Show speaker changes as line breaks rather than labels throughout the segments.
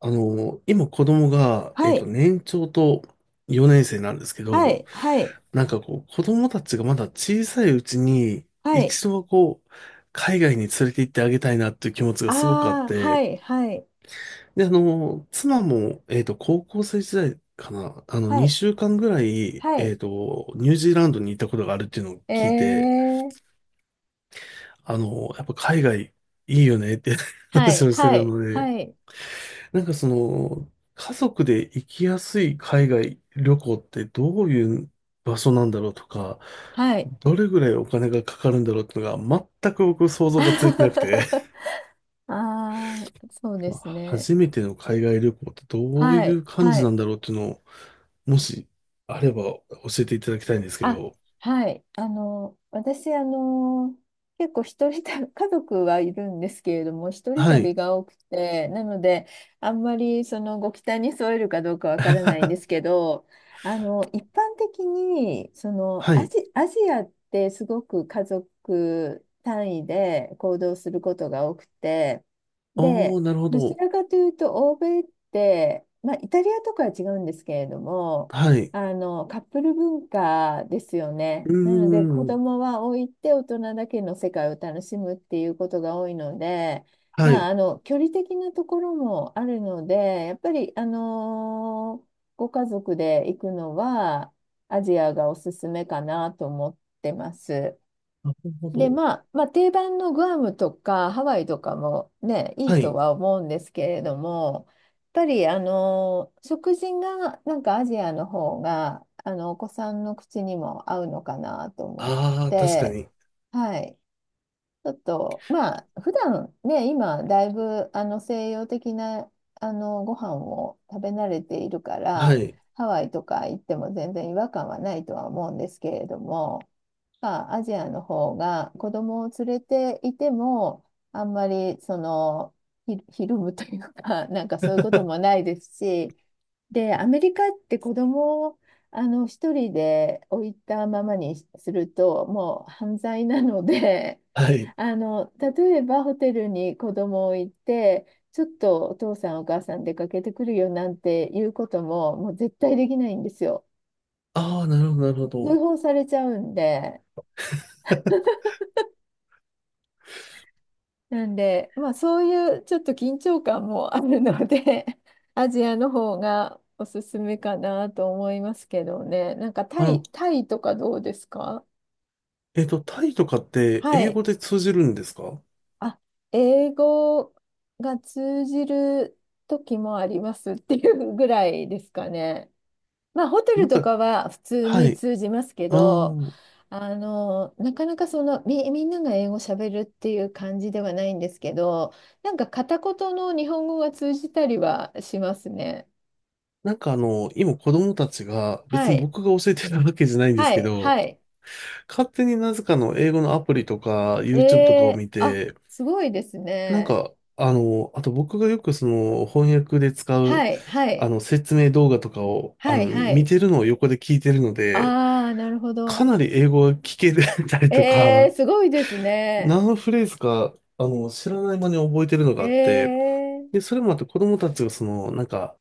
今子供が、
はい、
年長と4年生なんですけ
は
ど、
い、はい、
なんかこう、子供たちがまだ小さいうちに、
はい。
一度はこう、海外に連れて行ってあげたいなっていう気持ちがすごくあっ
ああ、は
て、
い、はい、
で、妻も、高校生時代かな、
はい、
2週間ぐらい、
はい。
ニュージーランドに行ったことがあるっていうのを聞いて、
ええ
やっぱ海外いいよねって
は
話
い、
をして
は
た
い、
ので、
はい、
なんかその、家族で行きやすい海外旅行ってどういう場所なんだろうとか、
はい。
どれぐらいお金がかかるんだろうっていうのが全く僕想像がついてなくて、
ああ、そう で
まあ
すね。
初めての海外旅行ってどう
は
い
い、
う感
は
じな
い。
んだろうっていうのを、もしあれば教えていただきたいんですけ
あ、
ど。
はい。私、結構一人旅、家族はいるんですけれども、一人
は
旅
い。
が多くて、なので、あんまりそのご期待に添えるかどうかわからないんです けど、一般的に、
はい。
アジアってすごく家族単位で行動することが多くて、
あ
で、
ー、なるほ
どち
ど。
らかというと、欧米って、まあ、イタリアとかは違うんですけれども、
はい。
カップル文化ですよね。
うー
なので子
ん。
供は置いて大人だけの世界を楽しむっていうことが多いので、
は
まあ、
い。
距離的なところもあるのでやっぱり、ご家族で行くのはアジアがおすすめかなと思ってます。
なるほ
で、
ど。
まあ、定番のグアムとかハワイとかもね、いい
は
と
い。
は思うんですけれども、やっぱり、食事がなんかアジアの方が、お子さんの口にも合うのかなと思っ
あー、確か
て、
に。
はい。ちょっと、まあ、普段ね、今、だいぶ、西洋的な、ご飯を食べ慣れているか
は
ら、
い。
ハワイとか行っても全然違和感はないとは思うんですけれども、アジアの方が子供を連れていても、あんまりそのひるむというか なんかそういうこともないですし、でアメリカって子供を一人で置いたままにするともう犯罪なので
はい。
例えばホテルに子供を置いて、ちょっとお父さんお母さん出かけてくるよなんていうことももう絶対できないんですよ。
ああ、なるほど、なるほ
通
ど。
報されちゃうんで。なんで、まあそういうちょっと緊張感もあるので アジアの方がおすすめかなと思いますけどね。なんか
あの、
タイとかどうですか？
タイとかって
は
英
い。
語で通じるんですか？
あ、英語が通じる時もありますっていうぐらいですかね。まあ、ホテ
な
ル
ん
と
か、
かは普通
は
に
い。
通じますけ
あ
ど、
あ、
なかなかみんなが英語喋るっていう感じではないんですけど、なんか片言の日本語が通じたりはしますね。
今子供たちが、
は
別に
い。
僕が教えてるわけじゃないんです
は
け
い。
ど、
はい。
勝手になぜかの英語のアプリとか、
え
YouTube とかを
え
見
あ、
て、
すごいですね。
あと僕がよくその翻訳で使う、
はい。はい。
説明動画とかを、
はい。は
見
い。
てるのを横で聞いてるので、
ああ、なるほ
か
ど。
なり英語が聞け たりと
えー、
か、
すごいですね。
何フレーズか、知らない間に覚えてるのがあっ
え
て、
え
で、それもあって子供たちがその、なんか、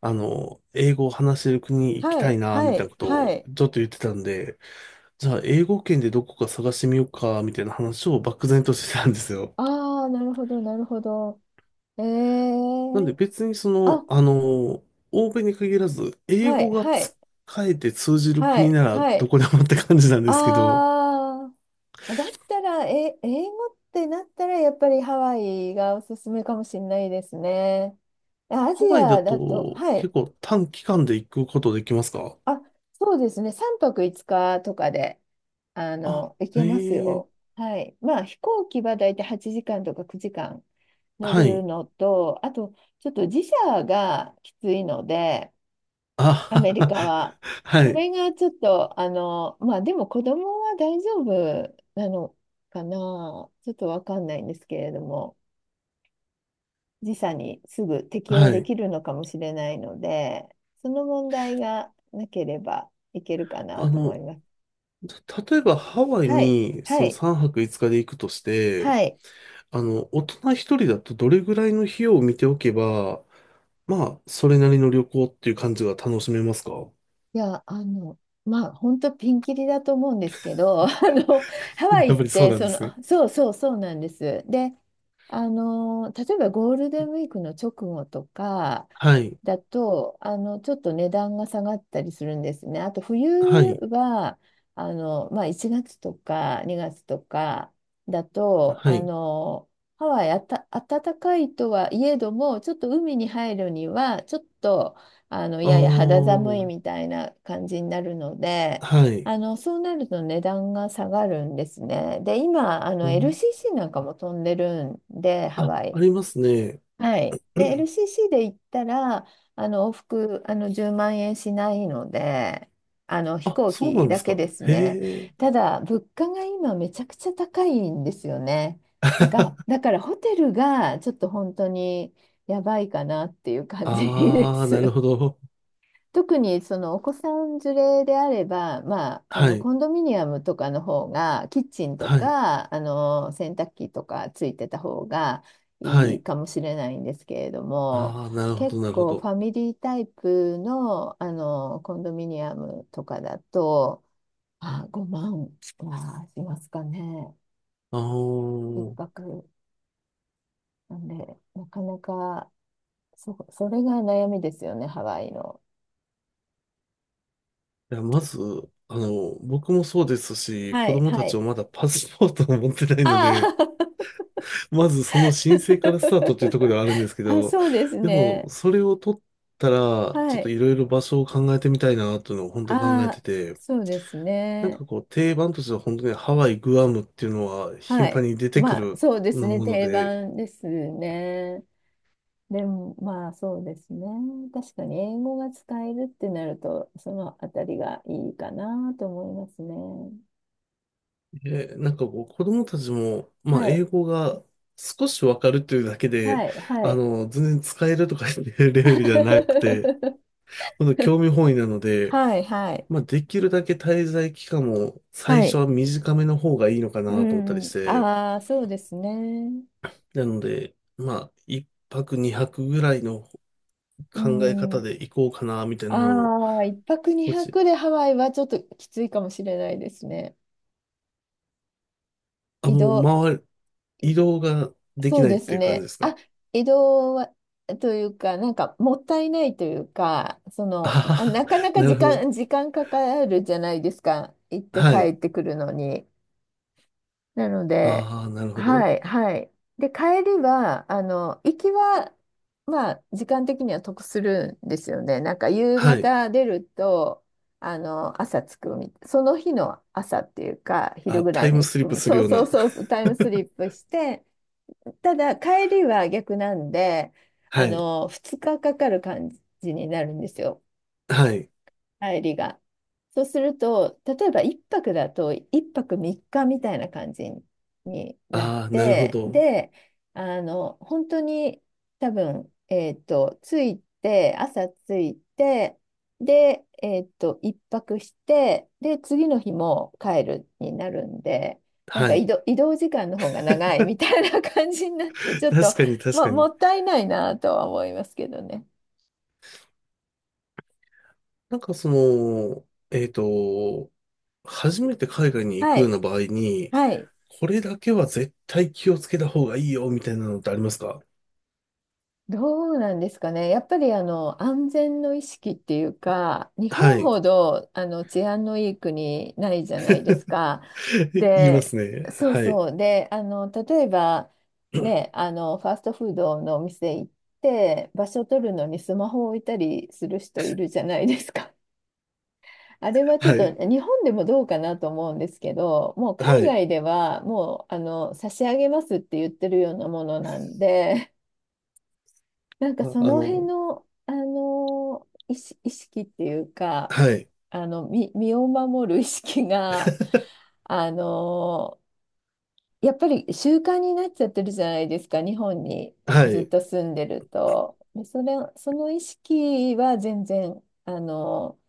あの、英語を話せる国に行き
は
たい
い。
な、み
は
たいな
い。
こと
は
を
い。
ちょっと言ってたんで、じゃあ英語圏でどこか探してみようか、みたいな話を漠然としてたんですよ。
ああ、なるほど、なるほど。え
なんで
ー、
別に
あ、
欧米に限らず、英
はい、
語が
は
使
い、
えて通じる
は
国
い、
なら
は
ど
い。
こでもって感じなんですけど、
あー、だったら、英語ってなったら、やっぱりハワイがおすすめかもしれないですね。アジ
ハワイだ
アだと、
と
は
結
い。
構短期間で行くことできますか？
あ、そうですね。3泊5日とかで、
あ、
行
へ
けます
え。
よ。はい。まあ、飛行機はだいたい8時間とか9時間乗
は
る
い。
のと、あと、ちょっと時差がきついので、ア
あ、
メリ カは。
は
そ
い。
れがちょっと、まあでも子供は大丈夫なのかな、ちょっとわかんないんですけれども、時差にすぐ適応
は
で
い。
きるのかもしれないので、その問題がなければいけるかな
あ
と思い
の、
ます。
例えばハワイ
はい、
に
は
その
い、
3泊5日で行くとして、
はい。
大人一人だとどれぐらいの費用を見ておけば、まあ、それなりの旅行っていう感じが楽しめますか？
いや、まあ、本当ピンキリだと思うんですけど、の、ハワイ
やっ
っ
ぱりそう
て、
なんですね。
あそうそうそうなんです。で、例えばゴールデンウィークの直後とか
はい。
だと、ちょっと値段が下がったりするんですね。あと、冬
はい。
は、まあ、1月とか2月とかだと、
はい。
ハワイあた、暖かいとはいえども、ちょっと海に入るには、ちょっと、い
あ
やいや肌寒い
あ、
みたいな感じになるので、
はい。
そうなると値段が下がるんですね。で、今、
うん。
LCC なんかも飛んでるんで、ハ
あ、
ワイ。
ありますね。
はい。で、LCC で行ったら、往復、10万円しないので、飛
あ、
行
そうな
機
んで
だ
す
け
か。
です
へ
ね。
え。
ただ、物価が今めちゃくちゃ高いんですよね。だからホテルがちょっと本当にやばいかなっていう感じで
ああ、なる
す。
ほど。
特にそのお子さん連れであれば、まあ、
はい。
コンドミニアムとかの方がキッチンと
はい。
か洗濯機とかついてた方が
は
いい
い。
かもしれないんですけれども、
ああ、なるほ
結
ど、なるほ
構フ
ど。
ァミリータイプの、コンドミニアムとかだと5万はしますかね。
あ
一
の
泊なんで、なかなかそれが悩みですよね、ハワイの。
いや、まず、僕もそうですし、
は
子
い、
供た
は
ち
い。
もまだパスポートを持ってないの
あ
で、
あ
まずその申請からスタートっていうところで はあるんですけ
あ、
ど、
そうです
でも、
ね。
それを取ったら、
は
ちょっと
い。
いろいろ場所を考えてみたいな、というのを本当に考え
あ
て
あ、
て、
そうですね。
定番としては本当にハワイ、グアムっていうのは
は
頻
い。
繁に出てく
まあ、
る
そうですね。
もの
定
で、
番ですね。でも、まあ、そうですね。確かに、英語が使えるってなると、そのあたりがいいかなと思いますね。
えなんかこう、子供たちも、まあ、
は
英
い。
語が少しわかるというだけで、
はい。はい。
全然使えるとかっていう レベルではなくて、ほんと興味本位なので、
はい。はい。
まあ、できるだけ滞在期間も最
は
初
い。
は短めの方がいいのか
う
なと思ったり
ん。
して、
ああ、そうですね。
なので、まあ、1泊2泊ぐらいの
う
考え方
ん。
で行こうかな、みたいなのを、
ああ、一泊
少
二
し、
泊でハワイはちょっときついかもしれないですね。
あ、
移
も
動、
う回る、
い
移動ができ
そう
ないっ
で
て
す
いう感じ
ね。
ですか。
あ、移動は、というか、なんかもったいないというか、
あはは、
なかなか
なるほど。
時間かかるじゃないですか。行って
は
帰
い。
ってくるのに。なので、
ああ、なるほ
は
ど。
い、はい。で、帰りは、あの、行きは、まあ、時間的には得するんですよね。なんか、夕
はい。
方出ると、朝着くみたい、その日の朝っていうか、昼
あ、
ぐら
タ
い
イム
に着
スリップ
く。
する
そう
よう
そう
な。
そうそう、タイムスリップして、ただ、帰りは逆なんで、
はい。
2日かかかる感じになるんですよ。
はい。
帰りが。そうすると、例えば1泊だと1泊3日みっかみたいな感じになっ
ああ、なるほ
て、
ど。
で、本当に多分、えっと、着いて、朝着いて、で、一泊して、で、次の日も帰るになるんで、なんか
はい。
移動時間の方が長い みたいな感じになって、ち ょっと、
確かに確
まあ、
か
も
に。
ったいないなとは思いますけどね。
なんかその、えっと、初めて海外に行
は
くよう
い。
な場合に、
はい。
これだけは絶対気をつけた方がいいよ、みたいなのってありますか？
どうなんですかね。やっぱり安全の意識っていうか、日
は
本
い。
ほど治安のいい国ないじゃないですか。
言いま
で、
すね。
そう
はい。
そう。で、例えばね、ファーストフードのお店行って場所取るのにスマホを置いたりする人いるじゃないですか。あれはちょっ
は
と
い。
日本でもどうかなと思うんですけど、もう海
はい。
外ではもう差し上げますって言ってるようなものなんで。なんか
あ、
その辺の、意識っていうか、
はい。
身を守る意識が、あのやっぱり習慣になっちゃってるじゃないですか、日本に
は
ずっ
い。
と住んでると。でその意識は全然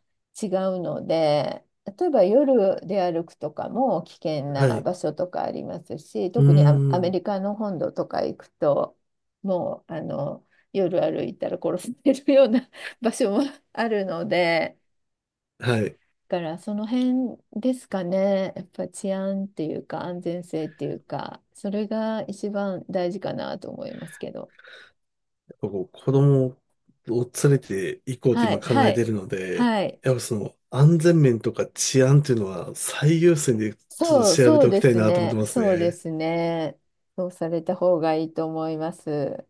違うので、例えば夜で歩くとかも危険
は
な
い。
場所とかありますし、
う
特にア
ー
メ
ん。
リカの本土とか行くと、もう夜歩いたら殺されるような 場所もあるので。
はい。
からその辺ですかね。やっぱ治安っていうか安全性っていうか、それが一番大事かなと思いますけど。
こう子供を連れて行こうと
は
今
い、
考
は
えて
い、
るので、
はい。
やっぱその安全面とか治安っていうのは最優先でちょっと調べ
そ
て
う
おき
で
たい
す
なと思って
ね。
ます
そうで
ね。
すね。そうされた方がいいと思います。